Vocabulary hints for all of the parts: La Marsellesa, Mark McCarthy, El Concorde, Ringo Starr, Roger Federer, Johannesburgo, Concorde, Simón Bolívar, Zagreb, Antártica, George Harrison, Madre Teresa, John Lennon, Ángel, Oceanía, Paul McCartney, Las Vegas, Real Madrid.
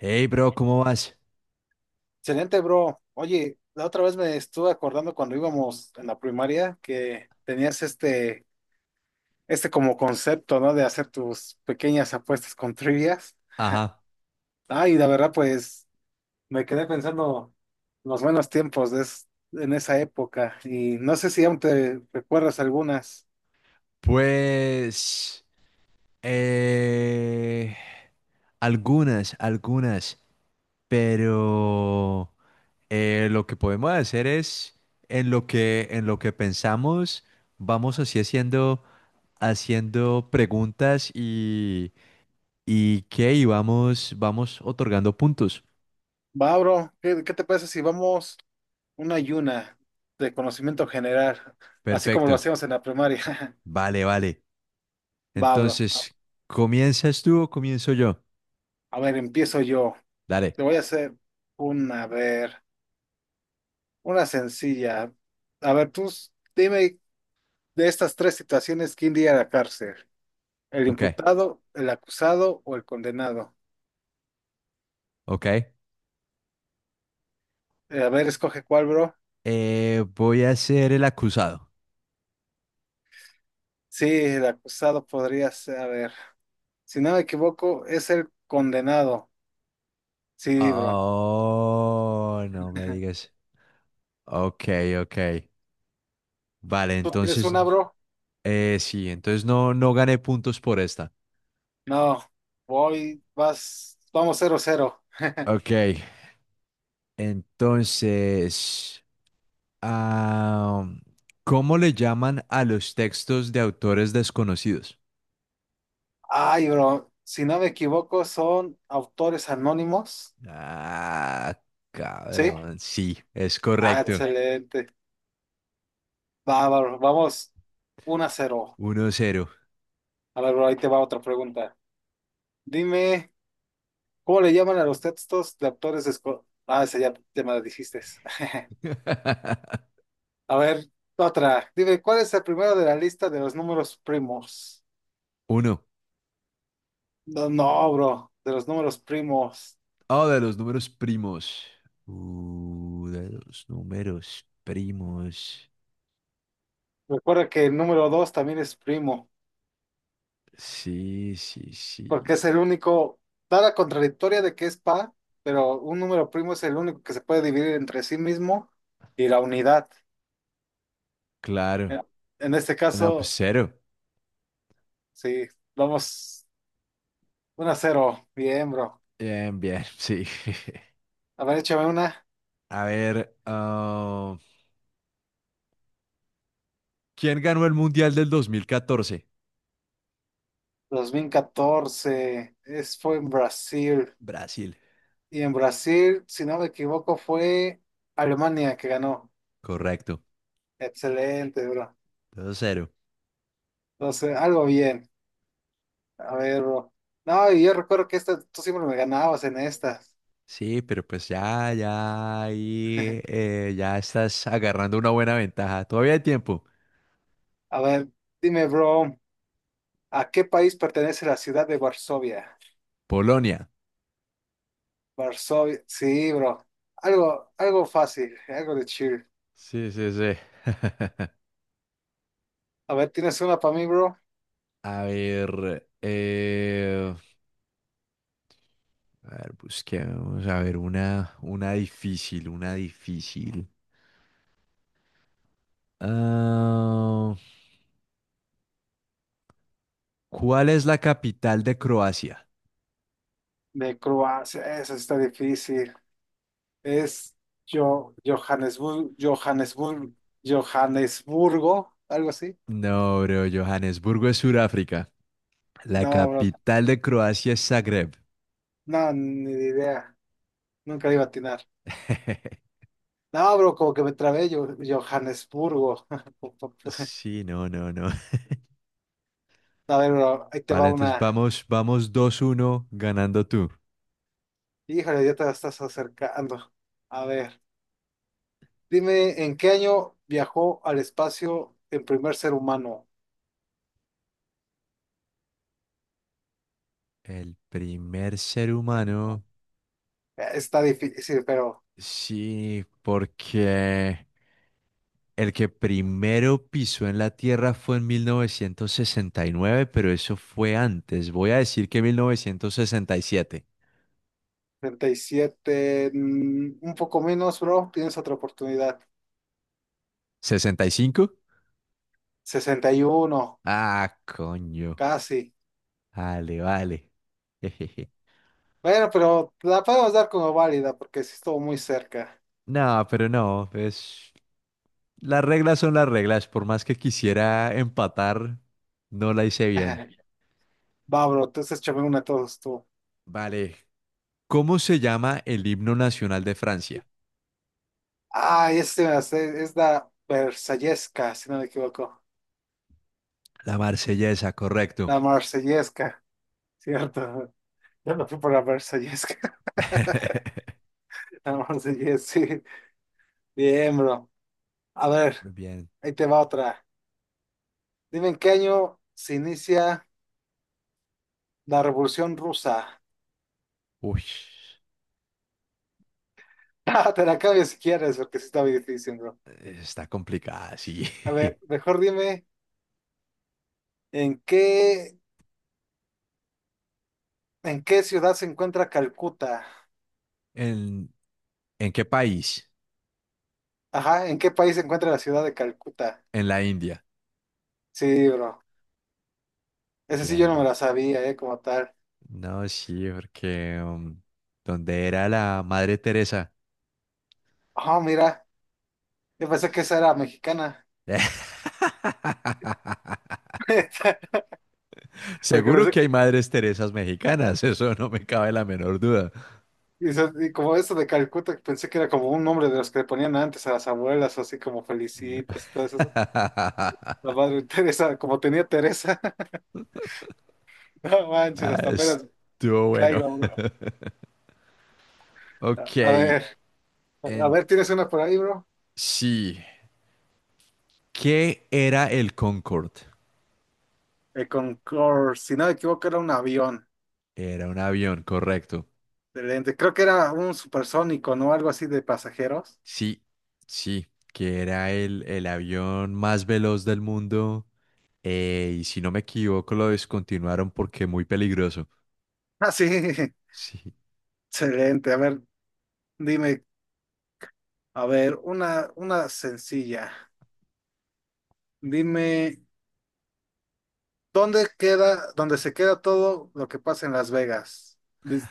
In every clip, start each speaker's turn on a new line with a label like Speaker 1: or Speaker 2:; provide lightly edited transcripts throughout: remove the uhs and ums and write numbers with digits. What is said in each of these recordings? Speaker 1: Hey, bro, ¿cómo vas?
Speaker 2: Excelente, bro. Oye, la otra vez me estuve acordando cuando íbamos en la primaria que tenías este como concepto, ¿no? De hacer tus pequeñas apuestas con trivias.
Speaker 1: Ajá.
Speaker 2: Ah, y la verdad, pues me quedé pensando los buenos tiempos de en esa época y no sé si aún te recuerdas algunas.
Speaker 1: Pues, eh, algunas, pero lo que podemos hacer es, en lo que pensamos, vamos así haciendo preguntas, y vamos otorgando puntos.
Speaker 2: Va, bro, ¿qué te parece si vamos una y una de conocimiento general, así como lo
Speaker 1: Perfecto.
Speaker 2: hacíamos en la primaria?
Speaker 1: Vale, vale.
Speaker 2: Va, bro. A
Speaker 1: Entonces, ¿comienzas tú o comienzo yo?
Speaker 2: a ver, empiezo yo.
Speaker 1: Dale.
Speaker 2: Te voy a hacer una, a ver, una sencilla. A ver, dime de estas tres situaciones, ¿quién iría a la cárcel? ¿El
Speaker 1: Ok,
Speaker 2: imputado, el acusado o el condenado?
Speaker 1: ok.
Speaker 2: A ver, escoge cuál, bro.
Speaker 1: Voy a ser el acusado.
Speaker 2: Sí, el acusado podría ser, a ver, si no me equivoco, es el condenado. Sí, bro.
Speaker 1: Oh, no me digas. Ok, ok. Vale,
Speaker 2: ¿Tú tienes
Speaker 1: entonces,
Speaker 2: una, bro?
Speaker 1: sí, entonces no gané puntos por esta.
Speaker 2: No, voy, vas, vamos 0-0.
Speaker 1: Ok, entonces, ah, ¿cómo le llaman a los textos de autores desconocidos?
Speaker 2: Ay, bro, si no me equivoco, son autores anónimos.
Speaker 1: Ah,
Speaker 2: ¿Sí?
Speaker 1: cabrón, sí, es
Speaker 2: Ah,
Speaker 1: correcto.
Speaker 2: excelente. Bárbaro, vamos 1-0.
Speaker 1: 1-0.
Speaker 2: A ver, bro, ahí te va otra pregunta. Dime, ¿cómo le llaman a los textos de autores escolares? Ah, esa ya me la dijiste. A ver, otra. Dime, ¿cuál es el primero de la lista de los números primos?
Speaker 1: Uno.
Speaker 2: No, no, bro, de los números primos.
Speaker 1: Ah, de los números primos. De los números primos.
Speaker 2: Recuerda que el número 2 también es primo,
Speaker 1: Sí, sí,
Speaker 2: porque es
Speaker 1: sí.
Speaker 2: el único, da la contradictoria de que es par, pero un número primo es el único que se puede dividir entre sí mismo y la unidad.
Speaker 1: Claro.
Speaker 2: Eh, En este
Speaker 1: No, pues
Speaker 2: caso.
Speaker 1: cero.
Speaker 2: Sí, vamos uno a 0. Bien, bro.
Speaker 1: Bien, bien, sí.
Speaker 2: A ver, échame una.
Speaker 1: A ver, ¿quién ganó el Mundial del 2014?
Speaker 2: 2014, fue en Brasil.
Speaker 1: Brasil.
Speaker 2: Y en Brasil, si no me equivoco, fue Alemania que ganó.
Speaker 1: Correcto.
Speaker 2: Excelente, bro.
Speaker 1: 2-0.
Speaker 2: Entonces, algo bien. A ver, bro. No, y yo recuerdo que esta, tú siempre me ganabas en estas.
Speaker 1: Sí, pero pues ya ahí ya estás agarrando una buena ventaja. Todavía hay tiempo.
Speaker 2: A ver, dime, bro, ¿a qué país pertenece la ciudad de Varsovia?
Speaker 1: Polonia.
Speaker 2: Varsovia, sí, bro. Algo fácil, algo de chill.
Speaker 1: Sí, sí, sí.
Speaker 2: A ver, ¿tienes una para mí, bro?
Speaker 1: A ver, eh, a ver, busquemos, a ver, una difícil, una difícil. Ah, ¿cuál es la capital de Croacia?
Speaker 2: De Croacia, eso está difícil. Es yo, Johannesburgo, Johannesburgo, Johannesburgo, algo así.
Speaker 1: No, bro, Johannesburgo es Sudáfrica. La
Speaker 2: No, bro,
Speaker 1: capital de Croacia es Zagreb.
Speaker 2: no, ni idea. Nunca le iba a atinar. No, bro, como que me trabé yo, Johannesburgo.
Speaker 1: Sí, no, no, no.
Speaker 2: A ver, bro, ahí te
Speaker 1: Vale,
Speaker 2: va
Speaker 1: entonces
Speaker 2: una.
Speaker 1: vamos 2-1, ganando tú.
Speaker 2: Híjole, ya te la estás acercando. A ver, dime, ¿en qué año viajó al espacio el primer ser humano?
Speaker 1: El primer ser
Speaker 2: Eh,
Speaker 1: humano,
Speaker 2: Está difícil, pero
Speaker 1: sí, porque el que primero pisó en la Tierra fue en 1969, pero eso fue antes. Voy a decir que 1967.
Speaker 2: 37, un poco menos, bro. Tienes otra oportunidad.
Speaker 1: ¿65?
Speaker 2: 61,
Speaker 1: Ah, coño.
Speaker 2: casi.
Speaker 1: Vale, vale. Jejeje.
Speaker 2: Bueno, pero la podemos dar como válida porque sí estuvo muy cerca.
Speaker 1: No, pero no, pues las reglas son las reglas. Por más que quisiera empatar, no la hice bien.
Speaker 2: Va, bro, entonces échame una a todos tú.
Speaker 1: Vale. ¿Cómo se llama el himno nacional de Francia?
Speaker 2: Ah, este me la sé, es la Versallesca, si no me equivoco.
Speaker 1: La Marsellesa, correcto.
Speaker 2: La Marsellesca, ¿cierto? Yo me fui por la Versallesca. La Marsellesca, sí. Bien, bro. A ver,
Speaker 1: Muy bien.
Speaker 2: ahí te va otra. Dime en qué año se inicia la Revolución Rusa.
Speaker 1: Uy.
Speaker 2: Ah, te la cambio si quieres, porque sí está muy difícil, bro.
Speaker 1: Está complicada, sí.
Speaker 2: A ver, mejor dime, ¿en qué, en qué ciudad se encuentra Calcuta?
Speaker 1: ¿En, en qué país?
Speaker 2: Ajá, ¿en qué país se encuentra la ciudad de Calcuta?
Speaker 1: En la India.
Speaker 2: Sí, bro. Ese sí yo
Speaker 1: Bien,
Speaker 2: no me
Speaker 1: bien.
Speaker 2: la sabía, como tal.
Speaker 1: No, sí, porque ¿dónde era la Madre Teresa?
Speaker 2: Ah, mira, yo pensé que esa era mexicana. Porque
Speaker 1: Seguro
Speaker 2: pensé,
Speaker 1: que hay Madres Teresas mexicanas, eso no me cabe la menor duda.
Speaker 2: y como eso de Calcuta, pensé que era como un nombre de los que le ponían antes a las abuelas, así como
Speaker 1: No.
Speaker 2: Felicitas y todo eso. La madre Teresa, como tenía Teresa. No manches,
Speaker 1: Ah,
Speaker 2: hasta apenas
Speaker 1: estuvo bueno.
Speaker 2: caigo, bro.
Speaker 1: Ok,
Speaker 2: A ver. A
Speaker 1: en
Speaker 2: ver, ¿tienes una por ahí, bro?
Speaker 1: sí. ¿Qué era el Concorde?
Speaker 2: El Concorde, si no me equivoco, era un avión.
Speaker 1: Era un avión, correcto.
Speaker 2: Excelente. Creo que era un supersónico, ¿no? Algo así de pasajeros.
Speaker 1: Sí, sí, que era el avión más veloz del mundo, y si no me equivoco lo descontinuaron porque muy peligroso.
Speaker 2: Ah, sí.
Speaker 1: Sí.
Speaker 2: Excelente. A ver, dime, a ver, una sencilla. Dime, dónde se queda todo lo que pasa en Las Vegas? Dis-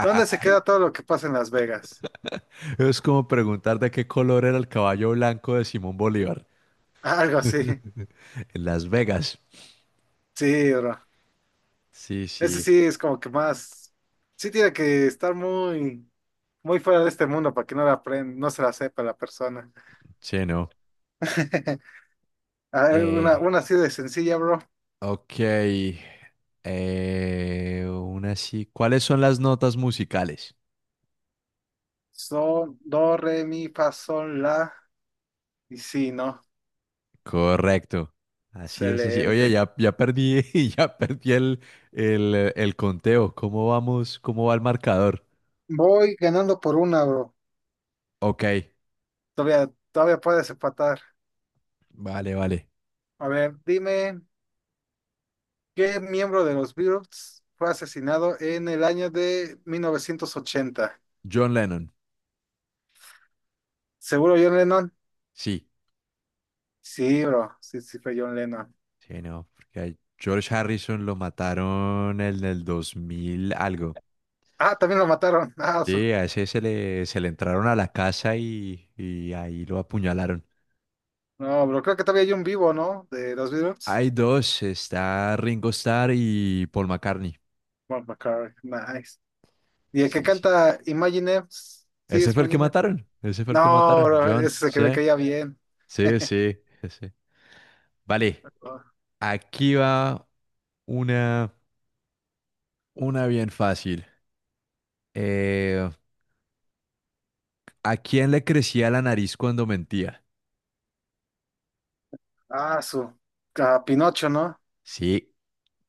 Speaker 2: ¿Dónde se queda todo lo que pasa en Las Vegas?
Speaker 1: Es como preguntar de qué color era el caballo blanco de Simón Bolívar.
Speaker 2: Algo así.
Speaker 1: En Las Vegas.
Speaker 2: Sí, bro.
Speaker 1: Sí,
Speaker 2: Ese
Speaker 1: sí,
Speaker 2: sí es como que más. Sí tiene que estar muy fuera de este mundo para que no la aprenda, no se la sepa la persona.
Speaker 1: sí, no.
Speaker 2: A ver, una,
Speaker 1: Eh,
Speaker 2: una así de sencilla, bro.
Speaker 1: ok. Una sí. ¿Cuáles son las notas musicales?
Speaker 2: Sol, do, re, mi, fa, sol, la. Y sí, ¿no?
Speaker 1: Correcto. Así es así. Oye,
Speaker 2: Excelente.
Speaker 1: ya perdí, ya perdí el conteo. ¿Cómo vamos? ¿Cómo va el marcador?
Speaker 2: Voy ganando por una, bro.
Speaker 1: Ok,
Speaker 2: Todavía, todavía puedes empatar.
Speaker 1: vale, vale.
Speaker 2: A ver, dime, ¿qué miembro de los Beatles fue asesinado en el año de 1980?
Speaker 1: John Lennon.
Speaker 2: ¿Seguro John Lennon?
Speaker 1: Sí,
Speaker 2: Sí, bro. Sí, sí, fue John Lennon.
Speaker 1: sí, no, porque a George Harrison lo mataron en el 2000 algo.
Speaker 2: Ah, también lo mataron.
Speaker 1: Sí, a ese se le entraron a la casa y ahí lo apuñalaron.
Speaker 2: No, bro, creo que todavía hay un vivo, ¿no? De los Beatles.
Speaker 1: Hay dos, está Ringo Starr y Paul McCartney.
Speaker 2: Mark McCarthy, nice. ¿Y el que
Speaker 1: Sí, sí.
Speaker 2: canta Imagine? Sí,
Speaker 1: Ese
Speaker 2: es
Speaker 1: fue el que
Speaker 2: Imagine.
Speaker 1: mataron. Ese fue el que
Speaker 2: No,
Speaker 1: mataron.
Speaker 2: bro, ese
Speaker 1: John,
Speaker 2: es el que
Speaker 1: sí.
Speaker 2: me caía bien.
Speaker 1: Sí, sí, sí. Sí. Vale, aquí va una, una bien fácil. Eh, ¿A quién le crecía la nariz cuando mentía?
Speaker 2: Ah, su. Pinocho, ¿no?
Speaker 1: Sí,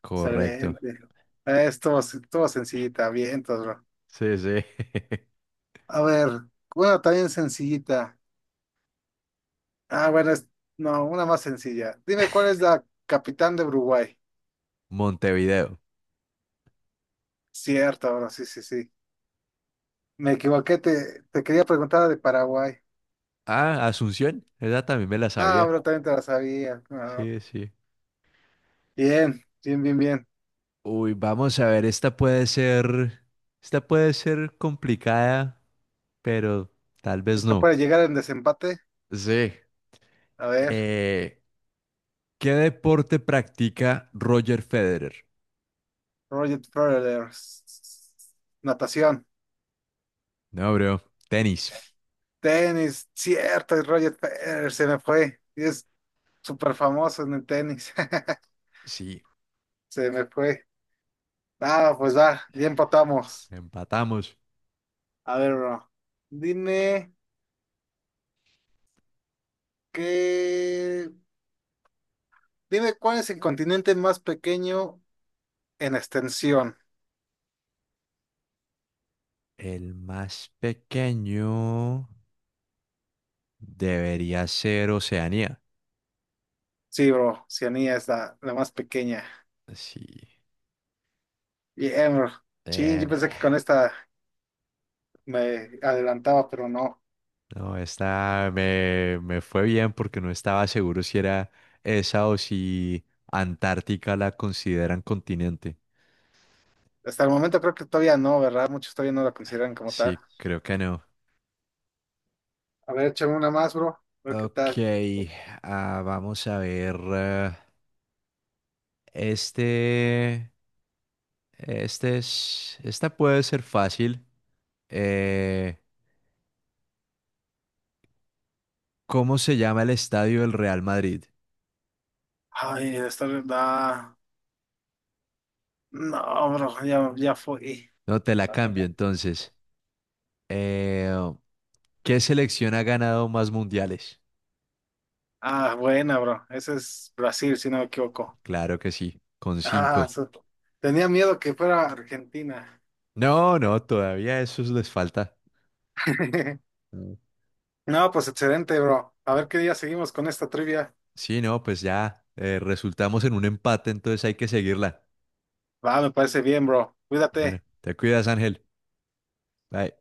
Speaker 1: correcto.
Speaker 2: Excelente. Estuvo sencillita, bien, todo, bro.
Speaker 1: Sí, sí.
Speaker 2: A ver, bueno, también sencillita. Ah, bueno, no, una más sencilla. Dime cuál es la capitán de Uruguay.
Speaker 1: Montevideo.
Speaker 2: Cierto, bro, sí, sí, sí. Me equivoqué, te quería preguntar de Paraguay.
Speaker 1: Ah, Asunción. Esa también me la
Speaker 2: Ah,
Speaker 1: sabía.
Speaker 2: bro, también te la sabía. Ah,
Speaker 1: Sí, sí.
Speaker 2: bien, bien, bien, bien.
Speaker 1: Uy, vamos a ver, esta puede ser complicada, pero tal vez
Speaker 2: Acá
Speaker 1: no.
Speaker 2: puede llegar en desempate.
Speaker 1: Sí.
Speaker 2: A ver,
Speaker 1: Eh, ¿Qué deporte practica Roger Federer?
Speaker 2: Roger Federer. Natación.
Speaker 1: No, bro. Tenis.
Speaker 2: Tenis. Cierto, es Roger Federer se me fue. Y es súper famoso en el tenis.
Speaker 1: Sí,
Speaker 2: Se me fue. Ah, pues va, ya empatamos.
Speaker 1: empatamos.
Speaker 2: A ver, bro. Dime qué. Dime cuál es el continente más pequeño en extensión.
Speaker 1: El más pequeño debería ser Oceanía.
Speaker 2: Sí, bro. Oceanía es la más pequeña.
Speaker 1: Sí.
Speaker 2: Bien, bro. Sí, yo
Speaker 1: Bien.
Speaker 2: pensé que con esta me adelantaba, pero no.
Speaker 1: No, esta me fue bien porque no estaba seguro si era esa o si Antártica la consideran continente.
Speaker 2: Hasta el momento creo que todavía no, ¿verdad? Muchos todavía no la consideran como tal.
Speaker 1: Sí, creo que no.
Speaker 2: A ver, échame una más, bro. A ver qué
Speaker 1: Ok,
Speaker 2: tal.
Speaker 1: vamos a ver. Este, este es, esta puede ser fácil. Eh, ¿Cómo se llama el estadio del Real Madrid?
Speaker 2: Ay, esta verdad. No, bro, ya fue.
Speaker 1: No te la cambio entonces. Eh, ¿Qué selección ha ganado más mundiales?
Speaker 2: Ah, buena, bro. Ese es Brasil, si no me equivoco.
Speaker 1: Claro que sí, con
Speaker 2: Ah,
Speaker 1: cinco.
Speaker 2: su- Tenía miedo que fuera Argentina.
Speaker 1: No, no, todavía eso les falta. Mm.
Speaker 2: No, pues excelente, bro. A ver qué día seguimos con esta trivia.
Speaker 1: Sí, no, pues ya resultamos en un empate, entonces hay que seguirla.
Speaker 2: Va, me parece bien, bro.
Speaker 1: Bueno,
Speaker 2: Cuídate.
Speaker 1: te cuidas, Ángel. Bye.